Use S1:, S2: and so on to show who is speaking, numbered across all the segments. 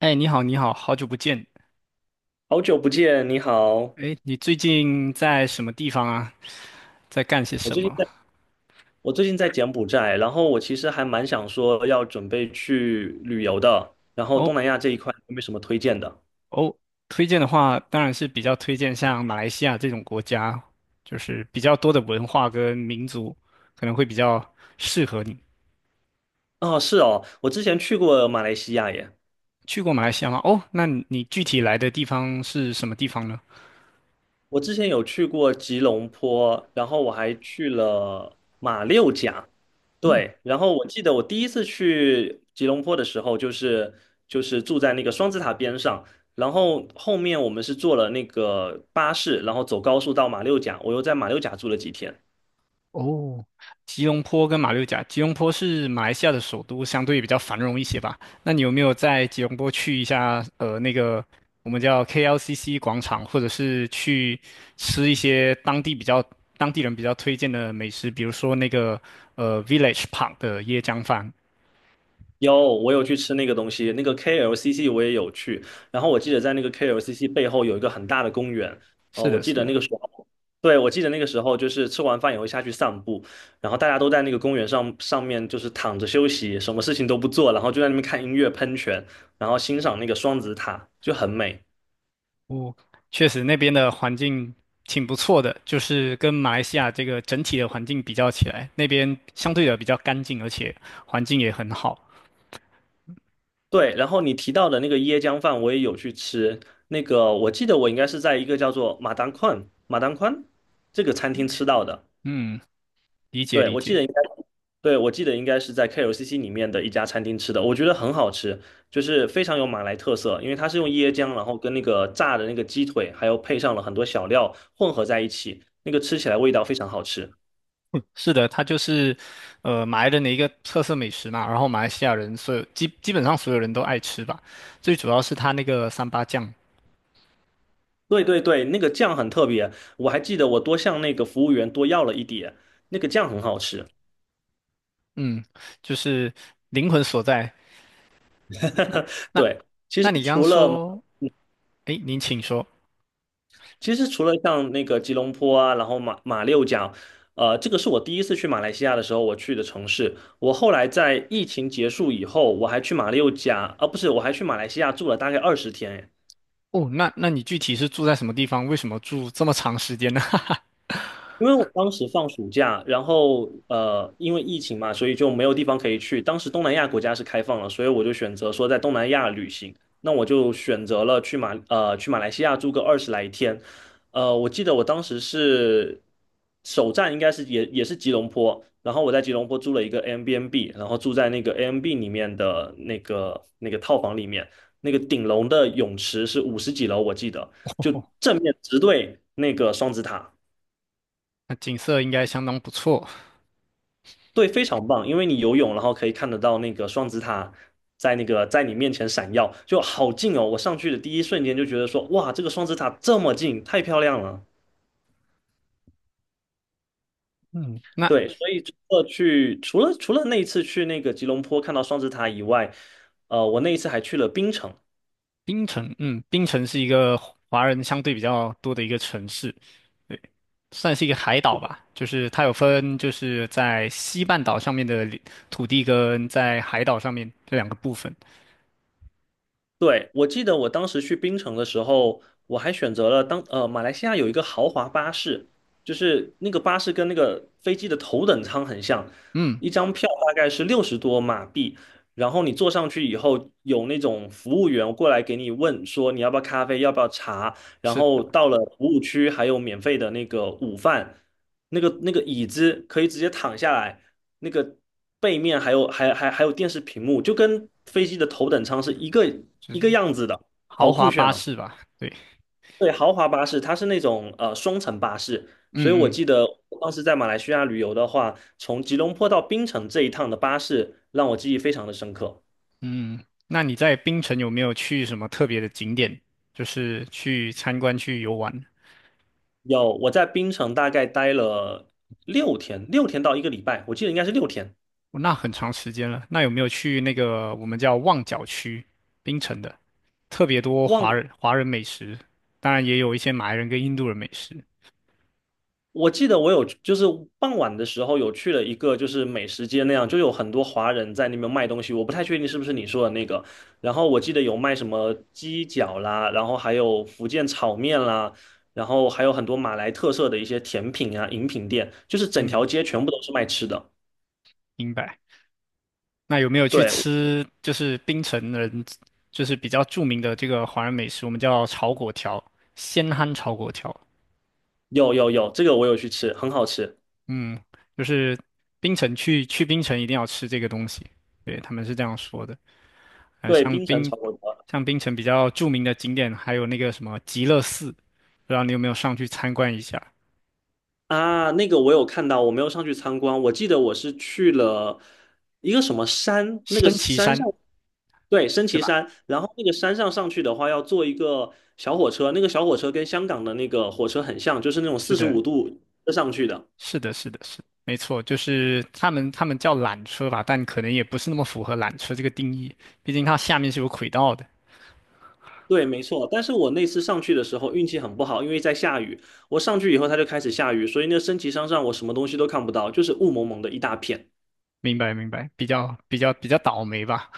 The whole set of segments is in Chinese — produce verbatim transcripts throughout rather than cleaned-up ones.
S1: 哎，你好，你好，好久不见。
S2: 好久不见，你好。
S1: 哎，你最近在什么地方啊？在干些
S2: 我
S1: 什
S2: 最近
S1: 么？
S2: 在，我最近在柬埔寨，然后我其实还蛮想说要准备去旅游的，然后东
S1: 哦
S2: 南亚这一块有没有什么推荐的？
S1: 哦，推荐的话，当然是比较推荐像马来西亚这种国家，就是比较多的文化跟民族，可能会比较适合你。
S2: 哦，是哦，我之前去过马来西亚耶。
S1: 去过马来西亚吗？哦，那你具体来的地方是什么地方呢？
S2: 我之前有去过吉隆坡，然后我还去了马六甲，
S1: 嗯，
S2: 对，然后我记得我第一次去吉隆坡的时候，就是就是住在那个双子塔边上，然后后面我们是坐了那个巴士，然后走高速到马六甲，我又在马六甲住了几天。
S1: 哦，吉隆坡跟马六甲，吉隆坡是马来西亚的首都，相对比较繁荣一些吧。那你有没有在吉隆坡去一下？呃，那个我们叫 K L C C 广场，或者是去吃一些当地比较当地人比较推荐的美食，比如说那个呃 Village Park 的椰浆饭。
S2: 有，我有去吃那个东西，那个 K L C C 我也有去。然后我记得在那个 K L C C 背后有一个很大的公园，哦，
S1: 是
S2: 我
S1: 的，
S2: 记
S1: 是
S2: 得那
S1: 的。
S2: 个时候，对，我记得那个时候就是吃完饭也会下去散步，然后大家都在那个公园上上面就是躺着休息，什么事情都不做，然后就在那边看音乐喷泉，然后欣赏那个双子塔，就很美。
S1: 哦，确实那边的环境挺不错的，就是跟马来西亚这个整体的环境比较起来，那边相对的比较干净，而且环境也很好。
S2: 对，然后你提到的那个椰浆饭我也有去吃，那个我记得我应该是在一个叫做马当宽马当宽这个餐厅吃到的。
S1: 嗯。理解
S2: 对，
S1: 理
S2: 我记得
S1: 解。
S2: 应该，对，我记得应该是在 K L C C 里面的一家餐厅吃的，我觉得很好吃，就是非常有马来特色，因为它是用椰浆，然后跟那个炸的那个鸡腿，还有配上了很多小料混合在一起，那个吃起来味道非常好吃。
S1: 是的，它就是呃马来人的一个特色美食嘛，然后马来西亚人所有基基本上所有人都爱吃吧，最主要是它那个三八酱，
S2: 对对对，那个酱很特别，我还记得我多向那个服务员多要了一点，那个酱很好吃。
S1: 嗯，就是灵魂所在。那 那
S2: 对，其
S1: 那
S2: 实
S1: 你刚刚
S2: 除了马
S1: 说，诶，您请说。
S2: 其实除了像那个吉隆坡啊，然后马马六甲，呃，这个是我第一次去马来西亚的时候我去的城市。我后来在疫情结束以后，我还去马六甲，啊，不是，我还去马来西亚住了大概二十天。
S1: 哦，那那你具体是住在什么地方？为什么住这么长时间呢？哈哈。
S2: 因为我当时放暑假，然后呃，因为疫情嘛，所以就没有地方可以去。当时东南亚国家是开放了，所以我就选择说在东南亚旅行。那我就选择了去马呃去马来西亚住个二十来天。呃，我记得我当时是首站应该是也也是吉隆坡，然后我在吉隆坡租了一个 Airbnb，然后住在那个 Airbnb 里面的那个那个套房里面，那个顶楼的泳池是五十几楼，我记得就
S1: 哦，
S2: 正面直对那个双子塔。
S1: 那景色应该相当不错。
S2: 对，非常棒，因为你游泳，然后可以看得到那个双子塔在那个在你面前闪耀，就好近哦！我上去的第一瞬间就觉得说，哇，这个双子塔这么近，太漂亮了。
S1: 嗯，那
S2: 对，所以除了去，除了除了那一次去那个吉隆坡看到双子塔以外，呃，我那一次还去了槟城，
S1: 槟城，嗯，槟城是一个华人相对比较多的一个城市。算是一个海岛吧，就是它有分，就是在西半岛上面的领土地跟在海岛上面这两个部分。
S2: 对，我记得我当时去槟城的时候，我还选择了当呃马来西亚有一个豪华巴士，就是那个巴士跟那个飞机的头等舱很像，
S1: 嗯，
S2: 一张票大概是六十多马币，然后你坐上去以后，有那种服务员过来给你问说你要不要咖啡，要不要茶，然
S1: 是
S2: 后
S1: 的，
S2: 到了服务区还有免费的那个午饭，那个那个椅子可以直接躺下来，那个背面还有还还还有电视屏幕，就跟飞机的头等舱是一个
S1: 就
S2: 一个
S1: 是
S2: 样子的，好
S1: 豪华
S2: 酷炫
S1: 巴
S2: 哦！
S1: 士吧？对，
S2: 对，豪华巴士它是那种呃双层巴士，所以我
S1: 嗯
S2: 记得我当时在马来西亚旅游的话，从吉隆坡到槟城这一趟的巴士让我记忆非常的深刻。
S1: 嗯嗯。那你在槟城有没有去什么特别的景点，就是去参观去游玩？
S2: 有，我在槟城大概待了六天，六天到一个礼拜，我记得应该是六天。
S1: 哦，那很长时间了。那有没有去那个我们叫旺角区，槟城的，特别多
S2: 忘
S1: 华
S2: 了。
S1: 人华人美食，当然也有一些马来人跟印度人美食。
S2: 我记得我有就是傍晚的时候有去了一个就是美食街那样，就有很多华人在那边卖东西，我不太确定是不是你说的那个。然后我记得有卖什么鸡脚啦，然后还有福建炒面啦，然后还有很多马来特色的一些甜品啊、饮品店，就是整条
S1: 嗯，
S2: 街全部都是卖吃的。
S1: 明白。那有没有去
S2: 对，
S1: 吃就是槟城人就是比较著名的这个华人美食，我们叫炒粿条，鲜憨炒粿条。
S2: 有有有，这个我有去吃，很好吃。
S1: 嗯，就是槟城去去槟城一定要吃这个东西，对，他们是这样说的。呃，
S2: 对，
S1: 像
S2: 冰城
S1: 槟
S2: 炒粿条。
S1: 像槟城比较著名的景点还有那个什么极乐寺，不知道你有没有上去参观一下？
S2: 啊，那个我有看到，我没有上去参观。我记得我是去了一个什么山，那个
S1: 升旗
S2: 山
S1: 山，
S2: 上，对，升
S1: 对
S2: 旗
S1: 吧？
S2: 山。然后那个山上上去的话，要坐一个小火车，那个小火车跟香港的那个火车很像，就是那种
S1: 是
S2: 四十
S1: 的，
S2: 五度上去的。
S1: 是的，是的，是的没错，就是他们他们叫缆车吧，但可能也不是那么符合缆车这个定义，毕竟它下面是有轨道的。
S2: 对，没错。但是我那次上去的时候运气很不好，因为在下雨。我上去以后，它就开始下雨，所以那个升旗山上我什么东西都看不到，就是雾蒙蒙的一大片。
S1: 明白，明白，比较比较比较倒霉吧。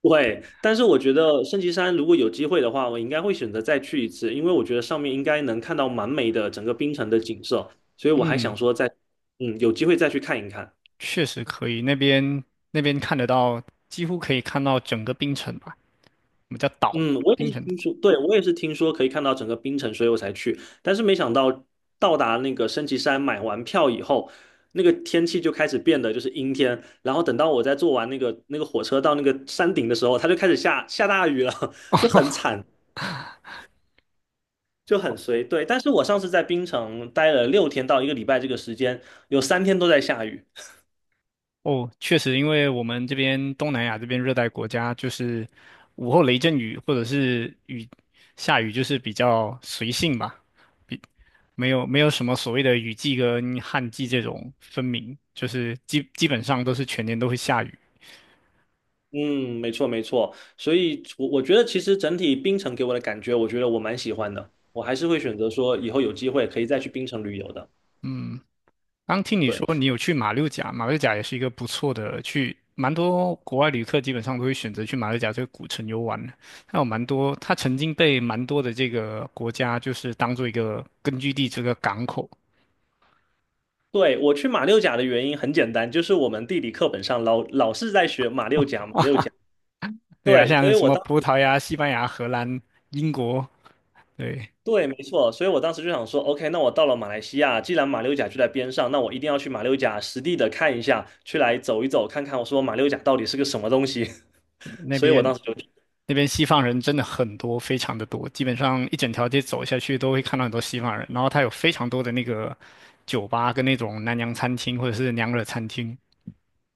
S2: 对，但是我觉得圣旗山如果有机会的话，我应该会选择再去一次，因为我觉得上面应该能看到蛮美的整个冰城的景色，所以我还想
S1: 嗯，
S2: 说再，嗯，有机会再去看一看。
S1: 确实可以，那边那边看得到，几乎可以看到整个冰城吧，我们叫岛嘛，
S2: 嗯，我也
S1: 冰
S2: 是
S1: 城岛。
S2: 听说，对，我也是听说可以看到整个冰城，所以我才去，但是没想到到达那个升旗山买完票以后，那个天气就开始变得就是阴天，然后等到我在坐完那个那个火车到那个山顶的时候，它就开始下下大雨了，就很随对。但是我上次在槟城待了六天到一个礼拜这个时间，有三天都在下雨。
S1: 哦，确实，因为我们这边东南亚这边热带国家，就是午后雷阵雨或者是雨下雨，就是比较随性吧。没有没有什么所谓的雨季跟旱季这种分明，就是基基本上都是全年都会下雨。
S2: 嗯，没错没错。所以我，我觉得其实整体槟城给我的感觉，我觉得我蛮喜欢的。我还是会选择说以后有机会可以再去槟城旅游的。
S1: 刚听你
S2: 对，
S1: 说你有去马六甲，马六甲也是一个不错的去，蛮多国外旅客基本上都会选择去马六甲这个古城游玩的。它有蛮多，它曾经被蛮多的这个国家就是当做一个根据地，这个港口
S2: 对，我去马六甲的原因很简单，就是我们地理课本上老老是在学马六甲，马六
S1: 啊。
S2: 甲。
S1: 对啊，
S2: 对，所
S1: 像
S2: 以
S1: 什
S2: 我
S1: 么
S2: 当
S1: 葡
S2: 时。
S1: 萄牙、西班牙、荷兰、英国，对。
S2: 对，没错，所以我当时就想说，OK，那我到了马来西亚，既然马六甲就在边上，那我一定要去马六甲实地的看一下，去来走一走，看看我说马六甲到底是个什么东西。
S1: 那
S2: 所以我
S1: 边
S2: 当时就去，
S1: 那边西方人真的很多，非常的多，基本上一整条街走下去都会看到很多西方人。然后它有非常多的那个酒吧跟那种南洋餐厅或者是娘惹餐厅，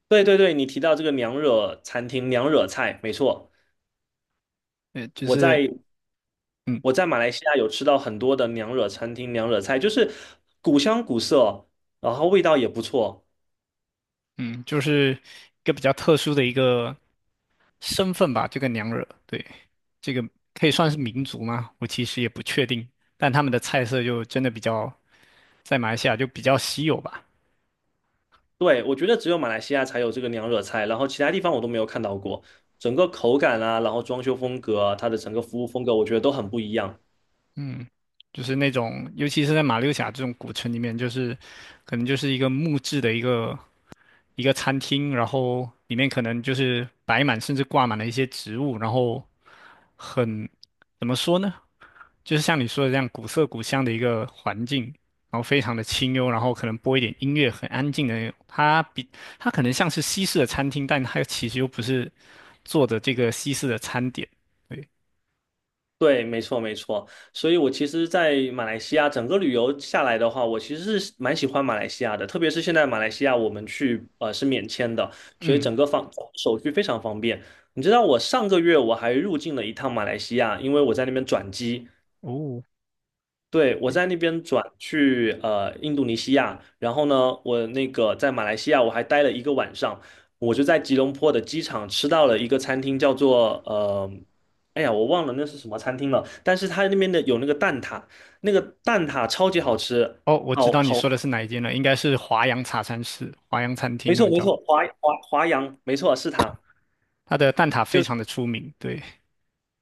S2: 对对对，你提到这个娘惹餐厅、娘惹菜，没错，
S1: 呃，就
S2: 我
S1: 是
S2: 在
S1: 嗯
S2: 我在马来西亚有吃到很多的娘惹餐厅、娘惹菜，就是古香古色，然后味道也不错。
S1: 嗯，就是一个比较特殊的一个身份吧。这个娘惹，对，这个可以算是民族吗？我其实也不确定，但他们的菜色就真的比较在马来西亚就比较稀有吧。
S2: 对，我觉得只有马来西亚才有这个娘惹菜，然后其他地方我都没有看到过。整个口感啊，然后装修风格啊它的整个服务风格，我觉得都很不一样。
S1: 嗯，就是那种，尤其是在马六甲这种古城里面，就是可能就是一个木质的一个一个餐厅，然后里面可能就是摆满甚至挂满了一些植物，然后很，怎么说呢？就是像你说的这样古色古香的一个环境，然后非常的清幽，然后可能播一点音乐，很安静的那种。它比它可能像是西式的餐厅，但它其实又不是做的这个西式的餐点。对，
S2: 对，没错，没错。所以我其实，在马来西亚整个旅游下来的话，我其实是蛮喜欢马来西亚的，特别是现在马来西亚我们去呃是免签的，所以
S1: 嗯，
S2: 整个方手续非常方便。你知道我上个月我还入境了一趟马来西亚，因为我在那边转机。
S1: 哦。
S2: 对，我在那边转去呃印度尼西亚，然后呢，我那个在马来西亚我还待了一个晚上，我就在吉隆坡的机场吃到了一个餐厅，叫做呃，哎呀，我忘了那是什么餐厅了，但是它那边的有那个蛋挞，那个蛋挞超级好吃，
S1: 哦，我知
S2: 好
S1: 道你
S2: 好，
S1: 说的是哪一间了，应该是华阳茶餐室、华阳餐厅，
S2: 没
S1: 他
S2: 错
S1: 们
S2: 没
S1: 叫
S2: 错，华华华阳，没错是它。
S1: 它的蛋挞非常的出名。对，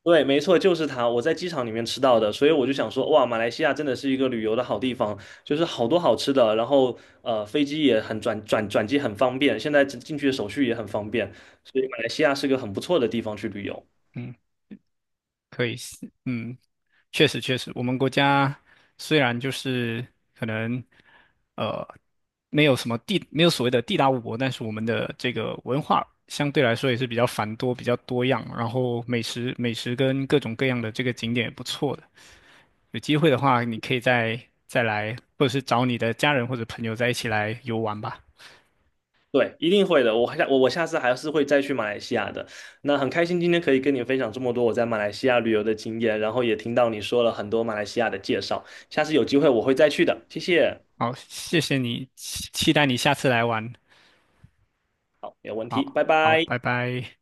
S2: 对，没错，就是它，我在机场里面吃到的，所以我就想说，哇，马来西亚真的是一个旅游的好地方，就是好多好吃的，然后呃，飞机也很转转转机很方便，现在进进去的手续也很方便，所以马来西亚是个很不错的地方去旅游。
S1: 嗯，可以是嗯，确实确实，我们国家虽然就是可能呃没有什么地，没有所谓的地大物博，但是我们的这个文化相对来说也是比较繁多、比较多样，然后美食美食跟各种各样的这个景点也不错的。有机会的话，你可以再再来，或者是找你的家人或者朋友在一起来游玩吧。
S2: 对，一定会的，我下我我下次还是会再去马来西亚的。那很开心今天可以跟你分享这么多我在马来西亚旅游的经验，然后也听到你说了很多马来西亚的介绍，下次有机会我会再去的，谢谢。
S1: 好，谢谢你，期期待你下次来玩。
S2: 好，没有问题，
S1: 好，
S2: 拜
S1: 好，
S2: 拜。
S1: 拜拜。